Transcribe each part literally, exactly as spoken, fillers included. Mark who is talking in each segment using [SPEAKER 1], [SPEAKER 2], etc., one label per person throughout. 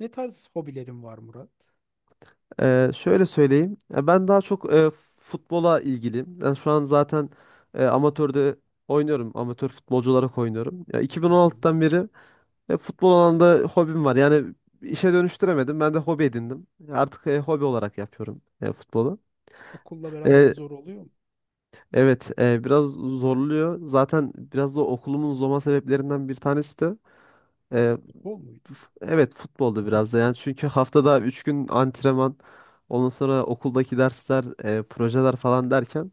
[SPEAKER 1] Ne tarz hobilerin var, Murat?
[SPEAKER 2] Ee, şöyle söyleyeyim. Ya ben daha çok e, futbola ilgiliyim. Ben şu an zaten e, amatörde oynuyorum. Amatör futbolcu olarak oynuyorum. Ya
[SPEAKER 1] Hı hı.
[SPEAKER 2] iki bin on altıdan beri e, futbol alanında hobim var. Yani işe dönüştüremedim. Ben de hobi edindim. Artık e, hobi olarak yapıyorum e, futbolu.
[SPEAKER 1] Okulla beraber
[SPEAKER 2] E,
[SPEAKER 1] zor oluyor mu?
[SPEAKER 2] evet, e, biraz zorluyor. Zaten biraz da okulumun zorlama sebeplerinden bir tanesi de.
[SPEAKER 1] Futbol muydu?
[SPEAKER 2] Evet, futbolda biraz da yani çünkü haftada üç gün antrenman, ondan sonra okuldaki dersler, e, projeler falan derken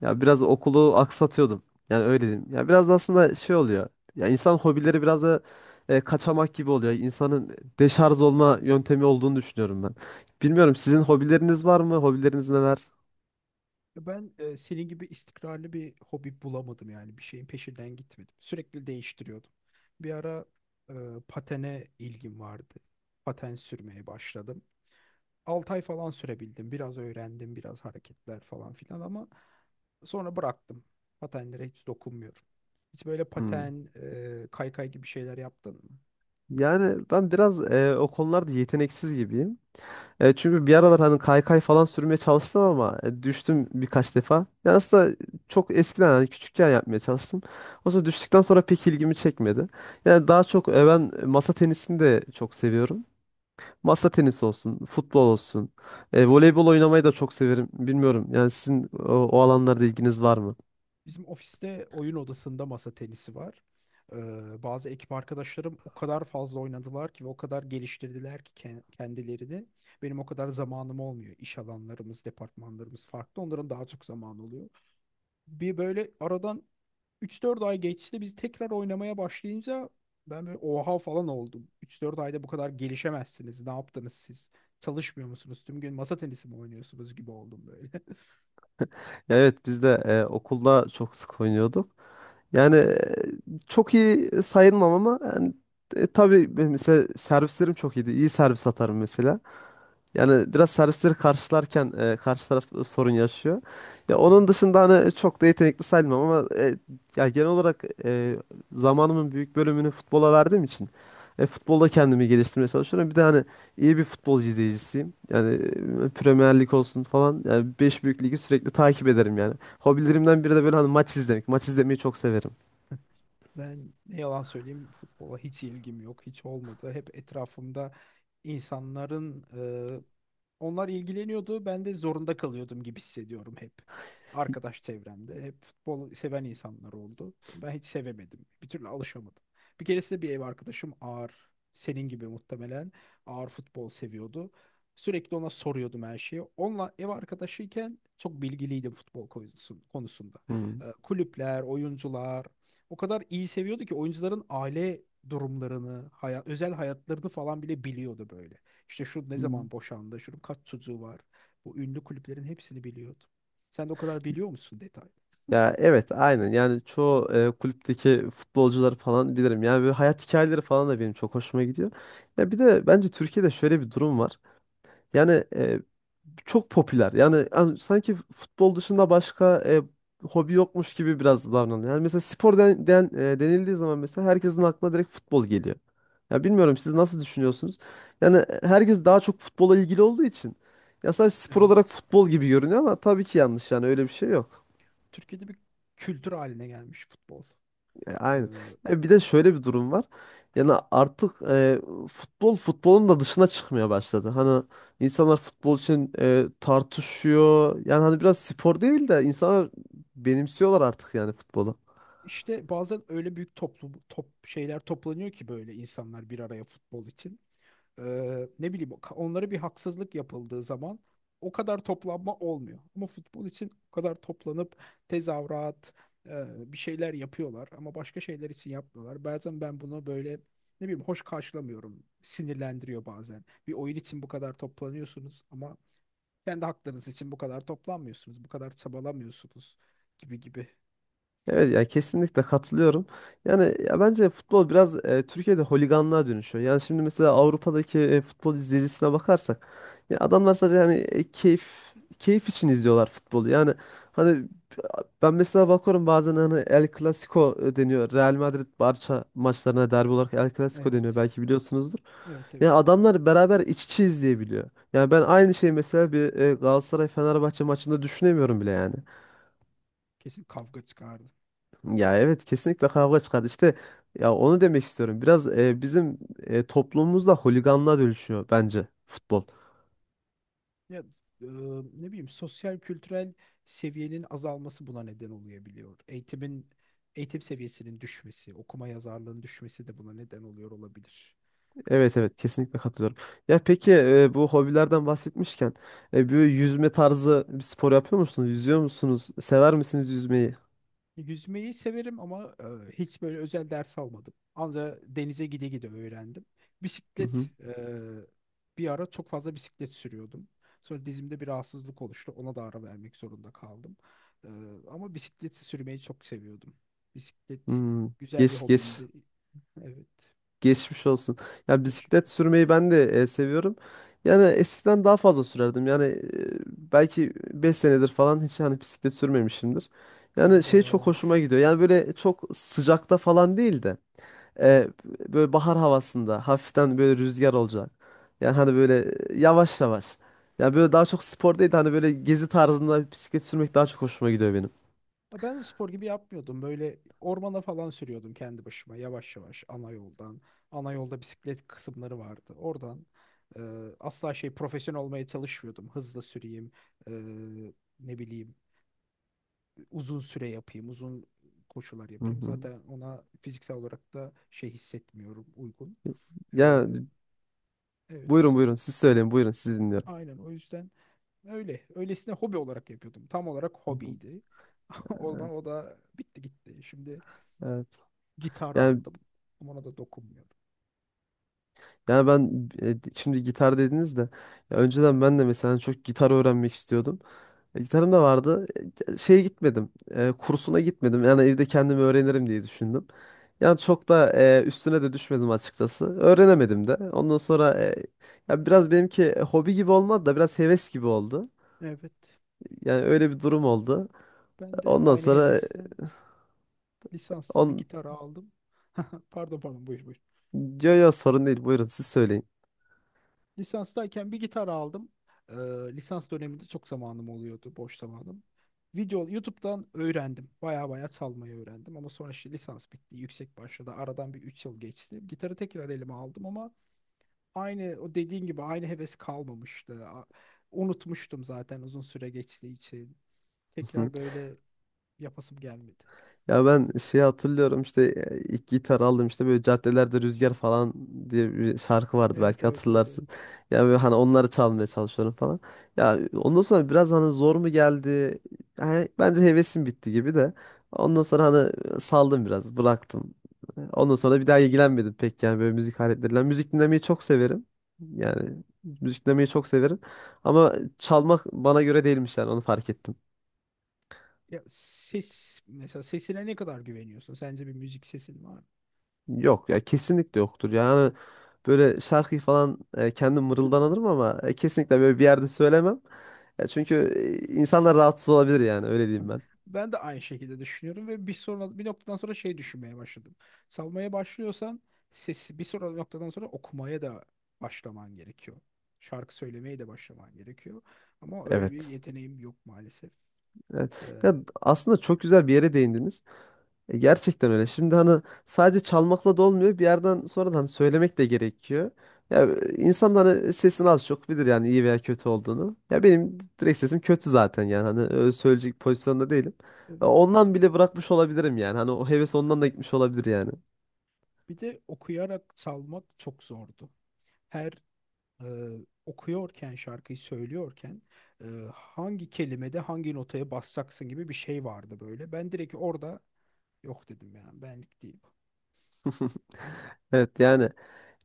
[SPEAKER 2] ya biraz okulu aksatıyordum. Yani öyle diyeyim. Ya biraz da aslında şey oluyor. Ya insan hobileri biraz da e, kaçamak gibi oluyor. İnsanın deşarj olma yöntemi olduğunu düşünüyorum ben. Bilmiyorum, sizin hobileriniz var mı? Hobileriniz neler?
[SPEAKER 1] Ya ben e, senin gibi istikrarlı bir hobi bulamadım yani. Bir şeyin peşinden gitmedim. Sürekli değiştiriyordum. Bir ara e, patene ilgim vardı. Paten sürmeye başladım. altı ay falan sürebildim. Biraz öğrendim, biraz hareketler falan filan ama sonra bıraktım. Patenlere hiç dokunmuyorum. Hiç böyle
[SPEAKER 2] Hmm.
[SPEAKER 1] paten, e, kaykay gibi şeyler yaptın mı?
[SPEAKER 2] Yani ben biraz e, o konularda yeteneksiz gibiyim. E, çünkü bir aralar hani kaykay falan sürmeye çalıştım ama e, düştüm birkaç defa. Yani aslında çok eskiden hani küçükken yapmaya çalıştım. Oysa düştükten sonra pek ilgimi çekmedi. Yani daha çok e, ben masa tenisini de çok seviyorum. Masa tenisi olsun, futbol olsun. E, voleybol oynamayı da çok severim. Bilmiyorum yani sizin o, o alanlarda ilginiz var mı?
[SPEAKER 1] Bizim ofiste oyun odasında masa tenisi var. Ee, bazı ekip arkadaşlarım o kadar fazla oynadılar ki ve o kadar geliştirdiler ki ken- kendilerini. Benim o kadar zamanım olmuyor. İş alanlarımız, departmanlarımız farklı. Onların daha çok zamanı oluyor. Bir böyle aradan üç dört ay geçti. Biz tekrar oynamaya başlayınca ben böyle oha falan oldum. üç dört ayda bu kadar gelişemezsiniz. Ne yaptınız siz? Çalışmıyor musunuz? Tüm gün masa tenisi mi oynuyorsunuz gibi oldum böyle.
[SPEAKER 2] Ya evet, biz de e, okulda çok sık oynuyorduk. Yani e, çok iyi sayılmam ama yani, e, tabii benim mesela servislerim çok iyiydi. İyi servis atarım mesela. Yani biraz servisleri karşılarken e, karşı taraf sorun yaşıyor. Ya onun dışında hani çok da yetenekli sayılmam ama e, ya genel olarak e, zamanımın büyük bölümünü futbola verdiğim için e, futbolda kendimi geliştirmeye çalışıyorum. Bir de hani iyi bir futbol izleyicisiyim. Yani e, Premier Lig olsun falan. Yani beş büyük ligi sürekli takip ederim yani. Hobilerimden biri de böyle hani maç izlemek. Maç izlemeyi çok severim.
[SPEAKER 1] Ben ne yalan söyleyeyim, futbola hiç ilgim yok, hiç olmadı. Hep etrafımda insanların onlar ilgileniyordu. Ben de zorunda kalıyordum gibi hissediyorum hep. Arkadaş çevremde hep futbol seven insanlar oldu. Ben hiç sevemedim. Bir türlü alışamadım. Bir keresinde bir ev arkadaşım ağır, senin gibi muhtemelen ağır futbol seviyordu. Sürekli ona soruyordum her şeyi. Onunla ev arkadaşıyken çok bilgiliydim futbol konusun- konusunda.
[SPEAKER 2] Hmm.
[SPEAKER 1] Ee, Kulüpler, oyuncular o kadar iyi seviyordu ki oyuncuların aile durumlarını, hayat, özel hayatlarını falan bile biliyordu böyle. İşte şu ne zaman boşandı, şunun kaç çocuğu var. Bu ünlü kulüplerin hepsini biliyordum. Sen de o kadar biliyor musun detay?
[SPEAKER 2] Ya evet, aynen yani çoğu e, kulüpteki futbolcuları falan bilirim. Yani böyle hayat hikayeleri falan da benim çok hoşuma gidiyor. Ya bir de bence Türkiye'de şöyle bir durum var. Yani e, çok popüler. Yani, an- sanki futbol dışında başka e, hobi yokmuş gibi biraz davranıyor. Yani mesela spor den, den- e, denildiği zaman mesela herkesin aklına direkt futbol geliyor. Ya bilmiyorum, siz nasıl düşünüyorsunuz? Yani e, herkes daha çok futbola ilgili olduğu için ya sadece spor olarak
[SPEAKER 1] Evet.
[SPEAKER 2] futbol gibi görünüyor ama tabii ki yanlış, yani öyle bir şey yok.
[SPEAKER 1] Türkiye'de bir kültür haline gelmiş futbol.
[SPEAKER 2] E,
[SPEAKER 1] Ee,
[SPEAKER 2] Aynen. Ya bir de şöyle bir durum var. Yani artık e, futbol futbolun da dışına çıkmaya başladı. Hani insanlar futbol için e, tartışıyor. Yani hani biraz spor değil de insanlar benimsiyorlar artık yani futbolu.
[SPEAKER 1] işte bazen öyle büyük toplum top şeyler toplanıyor ki böyle insanlar bir araya futbol için. Ee, ne bileyim onlara bir haksızlık yapıldığı zaman o kadar toplanma olmuyor. Ama futbol için o kadar toplanıp tezahürat e, bir şeyler yapıyorlar ama başka şeyler için yapmıyorlar. Bazen ben bunu böyle ne bileyim hoş karşılamıyorum. Sinirlendiriyor bazen. Bir oyun için bu kadar toplanıyorsunuz ama kendi haklarınız için bu kadar toplanmıyorsunuz. Bu kadar çabalamıyorsunuz gibi gibi.
[SPEAKER 2] Evet ya, kesinlikle katılıyorum. Yani ya bence futbol biraz e, Türkiye'de holiganlığa dönüşüyor. Yani şimdi mesela Avrupa'daki e, futbol izleyicisine bakarsak ya adamlar sadece hani e, keyif keyif için izliyorlar futbolu. Yani hani ben mesela bakıyorum bazen hani El Clasico e, deniyor. Real Madrid Barça maçlarına derbi olarak El Clasico deniyor,
[SPEAKER 1] Evet.
[SPEAKER 2] belki biliyorsunuzdur.
[SPEAKER 1] Evet, evet.
[SPEAKER 2] Yani adamlar beraber iç içe izleyebiliyor. Yani ben aynı şeyi mesela bir e, Galatasaray Fenerbahçe maçında düşünemiyorum bile yani.
[SPEAKER 1] Kesin kavga çıkardı.
[SPEAKER 2] Ya evet, kesinlikle kavga çıkar. İşte ya onu demek istiyorum. Biraz e, bizim e, toplumumuzda holiganlığa dönüşüyor bence futbol.
[SPEAKER 1] Ya, e, ne bileyim sosyal kültürel seviyenin azalması buna neden olabiliyor. Eğitimin eğitim seviyesinin düşmesi, okuma yazarlığın düşmesi de buna neden oluyor olabilir.
[SPEAKER 2] Evet evet, kesinlikle katılıyorum. Ya peki e, bu hobilerden bahsetmişken e, bir yüzme tarzı bir spor yapıyor musunuz? Yüzüyor musunuz? Sever misiniz yüzmeyi?
[SPEAKER 1] Yüzmeyi severim ama e, hiç böyle özel ders almadım. Ancak denize gide gide öğrendim.
[SPEAKER 2] Hı hı.
[SPEAKER 1] Bisiklet, e, bir ara çok fazla bisiklet sürüyordum. Sonra dizimde bir rahatsızlık oluştu. Ona da ara vermek zorunda kaldım. E, ama bisiklet sürmeyi çok seviyordum. Bisiklet
[SPEAKER 2] Hmm.
[SPEAKER 1] güzel bir
[SPEAKER 2] Geç geç.
[SPEAKER 1] hobimdi. Evet.
[SPEAKER 2] Geçmiş olsun. Ya bisiklet
[SPEAKER 1] Teşekkür ederim.
[SPEAKER 2] sürmeyi ben de e, seviyorum. Yani eskiden daha fazla sürerdim. Yani e, belki beş senedir falan hiç hani bisiklet sürmemişimdir. Yani
[SPEAKER 1] O
[SPEAKER 2] şey
[SPEAKER 1] bayağı
[SPEAKER 2] çok hoşuma
[SPEAKER 1] olmuş.
[SPEAKER 2] gidiyor. Yani böyle çok sıcakta falan değil de e, böyle bahar havasında hafiften böyle rüzgar olacak. Yani hani böyle yavaş yavaş. Yani böyle daha çok spor değil de hani böyle gezi tarzında bisiklet sürmek daha çok hoşuma gidiyor benim.
[SPEAKER 1] Ha, ben de spor gibi yapmıyordum. Böyle ormana falan sürüyordum kendi başıma yavaş yavaş ana yoldan. Ana yolda bisiklet kısımları vardı. Oradan e, asla şey profesyonel olmaya çalışmıyordum. Hızlı süreyim, e, ne bileyim uzun süre yapayım, uzun koşular
[SPEAKER 2] Hı
[SPEAKER 1] yapayım.
[SPEAKER 2] hı.
[SPEAKER 1] Zaten ona fiziksel olarak da şey hissetmiyorum uygun. E,
[SPEAKER 2] Ya buyurun
[SPEAKER 1] evet,
[SPEAKER 2] buyurun, siz söyleyin, buyurun, sizi dinliyorum.
[SPEAKER 1] aynen o yüzden öyle. Öylesine hobi olarak yapıyordum. Tam olarak
[SPEAKER 2] Hı hı.
[SPEAKER 1] hobiydi. Ondan
[SPEAKER 2] Evet,
[SPEAKER 1] o da bitti gitti. Şimdi
[SPEAKER 2] evet.
[SPEAKER 1] gitar
[SPEAKER 2] Yani
[SPEAKER 1] aldım. Ama ona da dokunmuyorum.
[SPEAKER 2] yani ben e, şimdi gitar dediniz de ya önceden ben de mesela çok gitar öğrenmek istiyordum. E, Gitarım da vardı. E, Şeye gitmedim, e, kursuna gitmedim. Yani evde kendimi öğrenirim diye düşündüm. Yani çok da e, üstüne de düşmedim açıkçası. Öğrenemedim de. Ondan sonra e, ya biraz benimki e, hobi gibi olmadı da biraz heves gibi oldu.
[SPEAKER 1] Evet.
[SPEAKER 2] Yani öyle bir durum oldu.
[SPEAKER 1] Ben de
[SPEAKER 2] Ondan
[SPEAKER 1] aynı
[SPEAKER 2] sonra e,
[SPEAKER 1] hevesten lisansta bir
[SPEAKER 2] on
[SPEAKER 1] gitar aldım. Pardon, pardon, buyur buyur.
[SPEAKER 2] yo yo, sorun değil. Buyurun siz söyleyin.
[SPEAKER 1] Lisanstayken bir gitar aldım. Ee, lisans döneminde çok zamanım oluyordu. Boş zamanım. Video YouTube'dan öğrendim. Baya baya çalmayı öğrendim. Ama sonra işte lisans bitti. Yüksek başladı. Aradan bir üç yıl geçti. Gitarı tekrar elime aldım ama aynı o dediğin gibi aynı heves kalmamıştı. A- Unutmuştum zaten uzun süre geçtiği için. Tekrar böyle yapasım gelmedi.
[SPEAKER 2] Ya ben şey hatırlıyorum işte e, ilk gitar aldım işte böyle caddelerde rüzgar falan diye bir şarkı vardı,
[SPEAKER 1] Evet,
[SPEAKER 2] belki
[SPEAKER 1] evet, evet, evet.
[SPEAKER 2] hatırlarsın. Ya böyle hani onları çalmaya çalışıyorum falan. Ya ondan sonra biraz hani zor mu geldi? Yani bence hevesim bitti gibi de. Ondan sonra hani saldım, biraz bıraktım. Ondan sonra bir daha ilgilenmedim pek yani böyle müzik aletleriyle. Yani müzik dinlemeyi çok severim. Yani müzik dinlemeyi çok severim. Ama çalmak bana göre değilmiş, yani onu fark ettim.
[SPEAKER 1] Ya ses, mesela sesine ne kadar güveniyorsun? Sence bir müzik sesin var mı?
[SPEAKER 2] Yok ya, kesinlikle yoktur. Yani böyle şarkıyı falan e, kendim mırıldanırım ama e, kesinlikle böyle bir yerde söylemem. Ya çünkü e, insanlar rahatsız olabilir, yani öyle diyeyim ben.
[SPEAKER 1] Ben de aynı şekilde düşünüyorum ve bir sonra bir noktadan sonra şey düşünmeye başladım. Salmaya başlıyorsan sesi bir sonra noktadan sonra okumaya da başlaman gerekiyor. Şarkı söylemeye de başlaman gerekiyor. Ama öyle bir
[SPEAKER 2] Evet.
[SPEAKER 1] yeteneğim yok maalesef. Ee,
[SPEAKER 2] Evet. Ya aslında çok güzel bir yere değindiniz. E, Gerçekten öyle. Şimdi hani sadece çalmakla da olmuyor. Bir yerden sonra da hani söylemek de gerekiyor. Ya e, insan da hani sesini az çok bilir, yani iyi veya kötü olduğunu. Ya benim direkt sesim kötü zaten, yani hani öyle söyleyecek pozisyonda değilim. E,
[SPEAKER 1] evet.
[SPEAKER 2] Ondan bile bırakmış olabilirim yani. Hani o heves ondan da gitmiş olabilir yani.
[SPEAKER 1] Bir de okuyarak salmak çok zordu. Her e, okuyorken şarkıyı söylüyorken e, hangi kelimede hangi notaya basacaksın gibi bir şey vardı böyle. Ben direkt orada yok dedim, yani benlik değil bu.
[SPEAKER 2] Evet yani.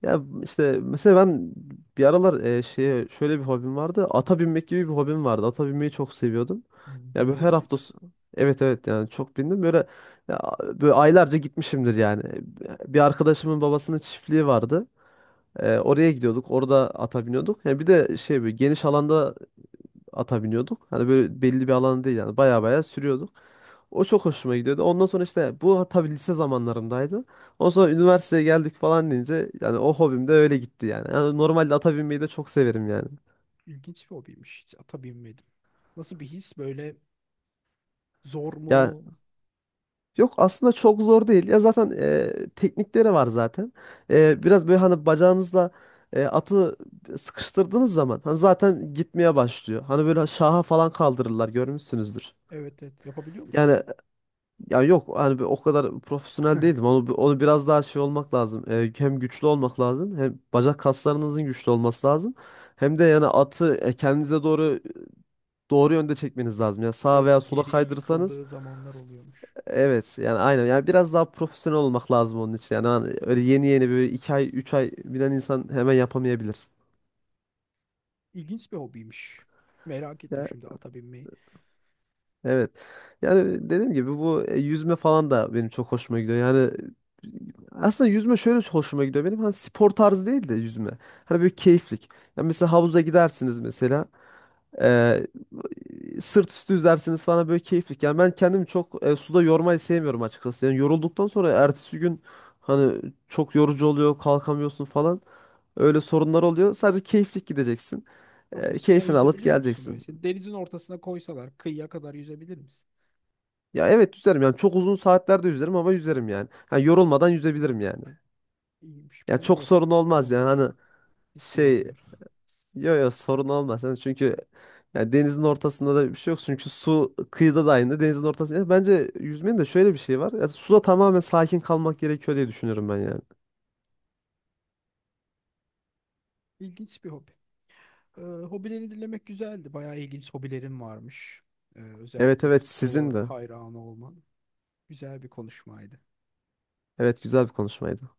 [SPEAKER 2] Ya işte mesela ben bir aralar e, şeye şöyle bir hobim vardı. Ata binmek gibi bir hobim vardı. Ata binmeyi çok seviyordum. Ya böyle
[SPEAKER 1] Bindim
[SPEAKER 2] her
[SPEAKER 1] mi?
[SPEAKER 2] hafta s- Evet evet, yani çok bindim. Böyle ya, böyle aylarca gitmişimdir yani. Bir arkadaşımın babasının çiftliği vardı. E, oraya gidiyorduk. Orada ata biniyorduk. Ya bir de şey böyle geniş alanda ata biniyorduk. Hani böyle belli bir alan değil yani. Baya baya sürüyorduk. O çok hoşuma gidiyordu. Ondan sonra işte bu tabii lise zamanlarımdaydı. Ondan sonra üniversiteye geldik falan deyince yani o hobim de öyle gitti yani. Yani normalde ata binmeyi de çok severim yani.
[SPEAKER 1] İlginç bir hobiymiş. Hiç ata binmedim. Nasıl bir his böyle, zor mu?
[SPEAKER 2] Ya yok, aslında çok zor değil. Ya zaten e, teknikleri var zaten. E, biraz böyle hani bacağınızla e, atı sıkıştırdığınız zaman hani zaten gitmeye başlıyor. Hani böyle şaha falan kaldırırlar, görmüşsünüzdür.
[SPEAKER 1] Evet, evet, yapabiliyor musun?
[SPEAKER 2] Yani ya yok, hani bir o kadar profesyonel değildim. Onu, onu biraz daha şey olmak lazım. Ee, hem güçlü olmak lazım. Hem bacak kaslarınızın güçlü olması lazım. Hem de yani atı e, kendinize doğru doğru yönde çekmeniz lazım. Yani sağa
[SPEAKER 1] Evet,
[SPEAKER 2] veya sola
[SPEAKER 1] geriye
[SPEAKER 2] kaydırırsanız
[SPEAKER 1] yıkıldığı zamanlar oluyormuş.
[SPEAKER 2] evet yani aynen. Yani biraz daha profesyonel olmak lazım onun için. Yani hani öyle yeni yeni böyle iki ay üç ay bilen insan hemen yapamayabilir.
[SPEAKER 1] İlginç bir hobiymiş. Merak ettim şimdi ata binmeyi.
[SPEAKER 2] Evet. Yani dediğim gibi bu e, yüzme falan da benim çok hoşuma gidiyor. Yani e, aslında yüzme şöyle çok hoşuma gidiyor benim. Hani spor tarzı değil de yüzme. Hani böyle keyiflik. Yani mesela havuza gidersiniz mesela. e, Sırt üstü yüzersiniz falan, böyle keyiflik. Yani ben kendimi çok e, suda yormayı sevmiyorum açıkçası. Yani yorulduktan sonra ertesi gün hani çok yorucu oluyor, kalkamıyorsun falan. Öyle sorunlar oluyor. Sadece keyiflik gideceksin. E,
[SPEAKER 1] Profesyonel
[SPEAKER 2] keyfini alıp
[SPEAKER 1] yüzebiliyor musun böyle?
[SPEAKER 2] geleceksin.
[SPEAKER 1] Seni denizin ortasına koysalar kıyıya kadar yüzebilir misin?
[SPEAKER 2] Ya evet, yüzerim yani çok uzun saatlerde yüzerim ama yüzerim yani. Ha, yorulmadan yüzebilirim yani.
[SPEAKER 1] İyiymiş.
[SPEAKER 2] Ya
[SPEAKER 1] Ben
[SPEAKER 2] çok sorun
[SPEAKER 1] yok o
[SPEAKER 2] olmaz yani
[SPEAKER 1] konuda.
[SPEAKER 2] hani
[SPEAKER 1] Hiç
[SPEAKER 2] şey
[SPEAKER 1] güvenmiyorum.
[SPEAKER 2] yo yo, sorun olmaz. Yani çünkü yani denizin ortasında da bir şey yok. Çünkü su kıyıda da aynı denizin ortasında. Yani bence yüzmenin de şöyle bir şey var. Yani suda tamamen sakin kalmak gerekiyor diye düşünüyorum ben yani.
[SPEAKER 1] İlginç bir hobi. Ee, hobileri dinlemek güzeldi. Bayağı ilginç hobilerim varmış. Ee,
[SPEAKER 2] Evet
[SPEAKER 1] özellikle
[SPEAKER 2] evet, sizin
[SPEAKER 1] futbola
[SPEAKER 2] de.
[SPEAKER 1] hayran olman. Güzel bir konuşmaydı.
[SPEAKER 2] Evet, güzel bir konuşmaydı.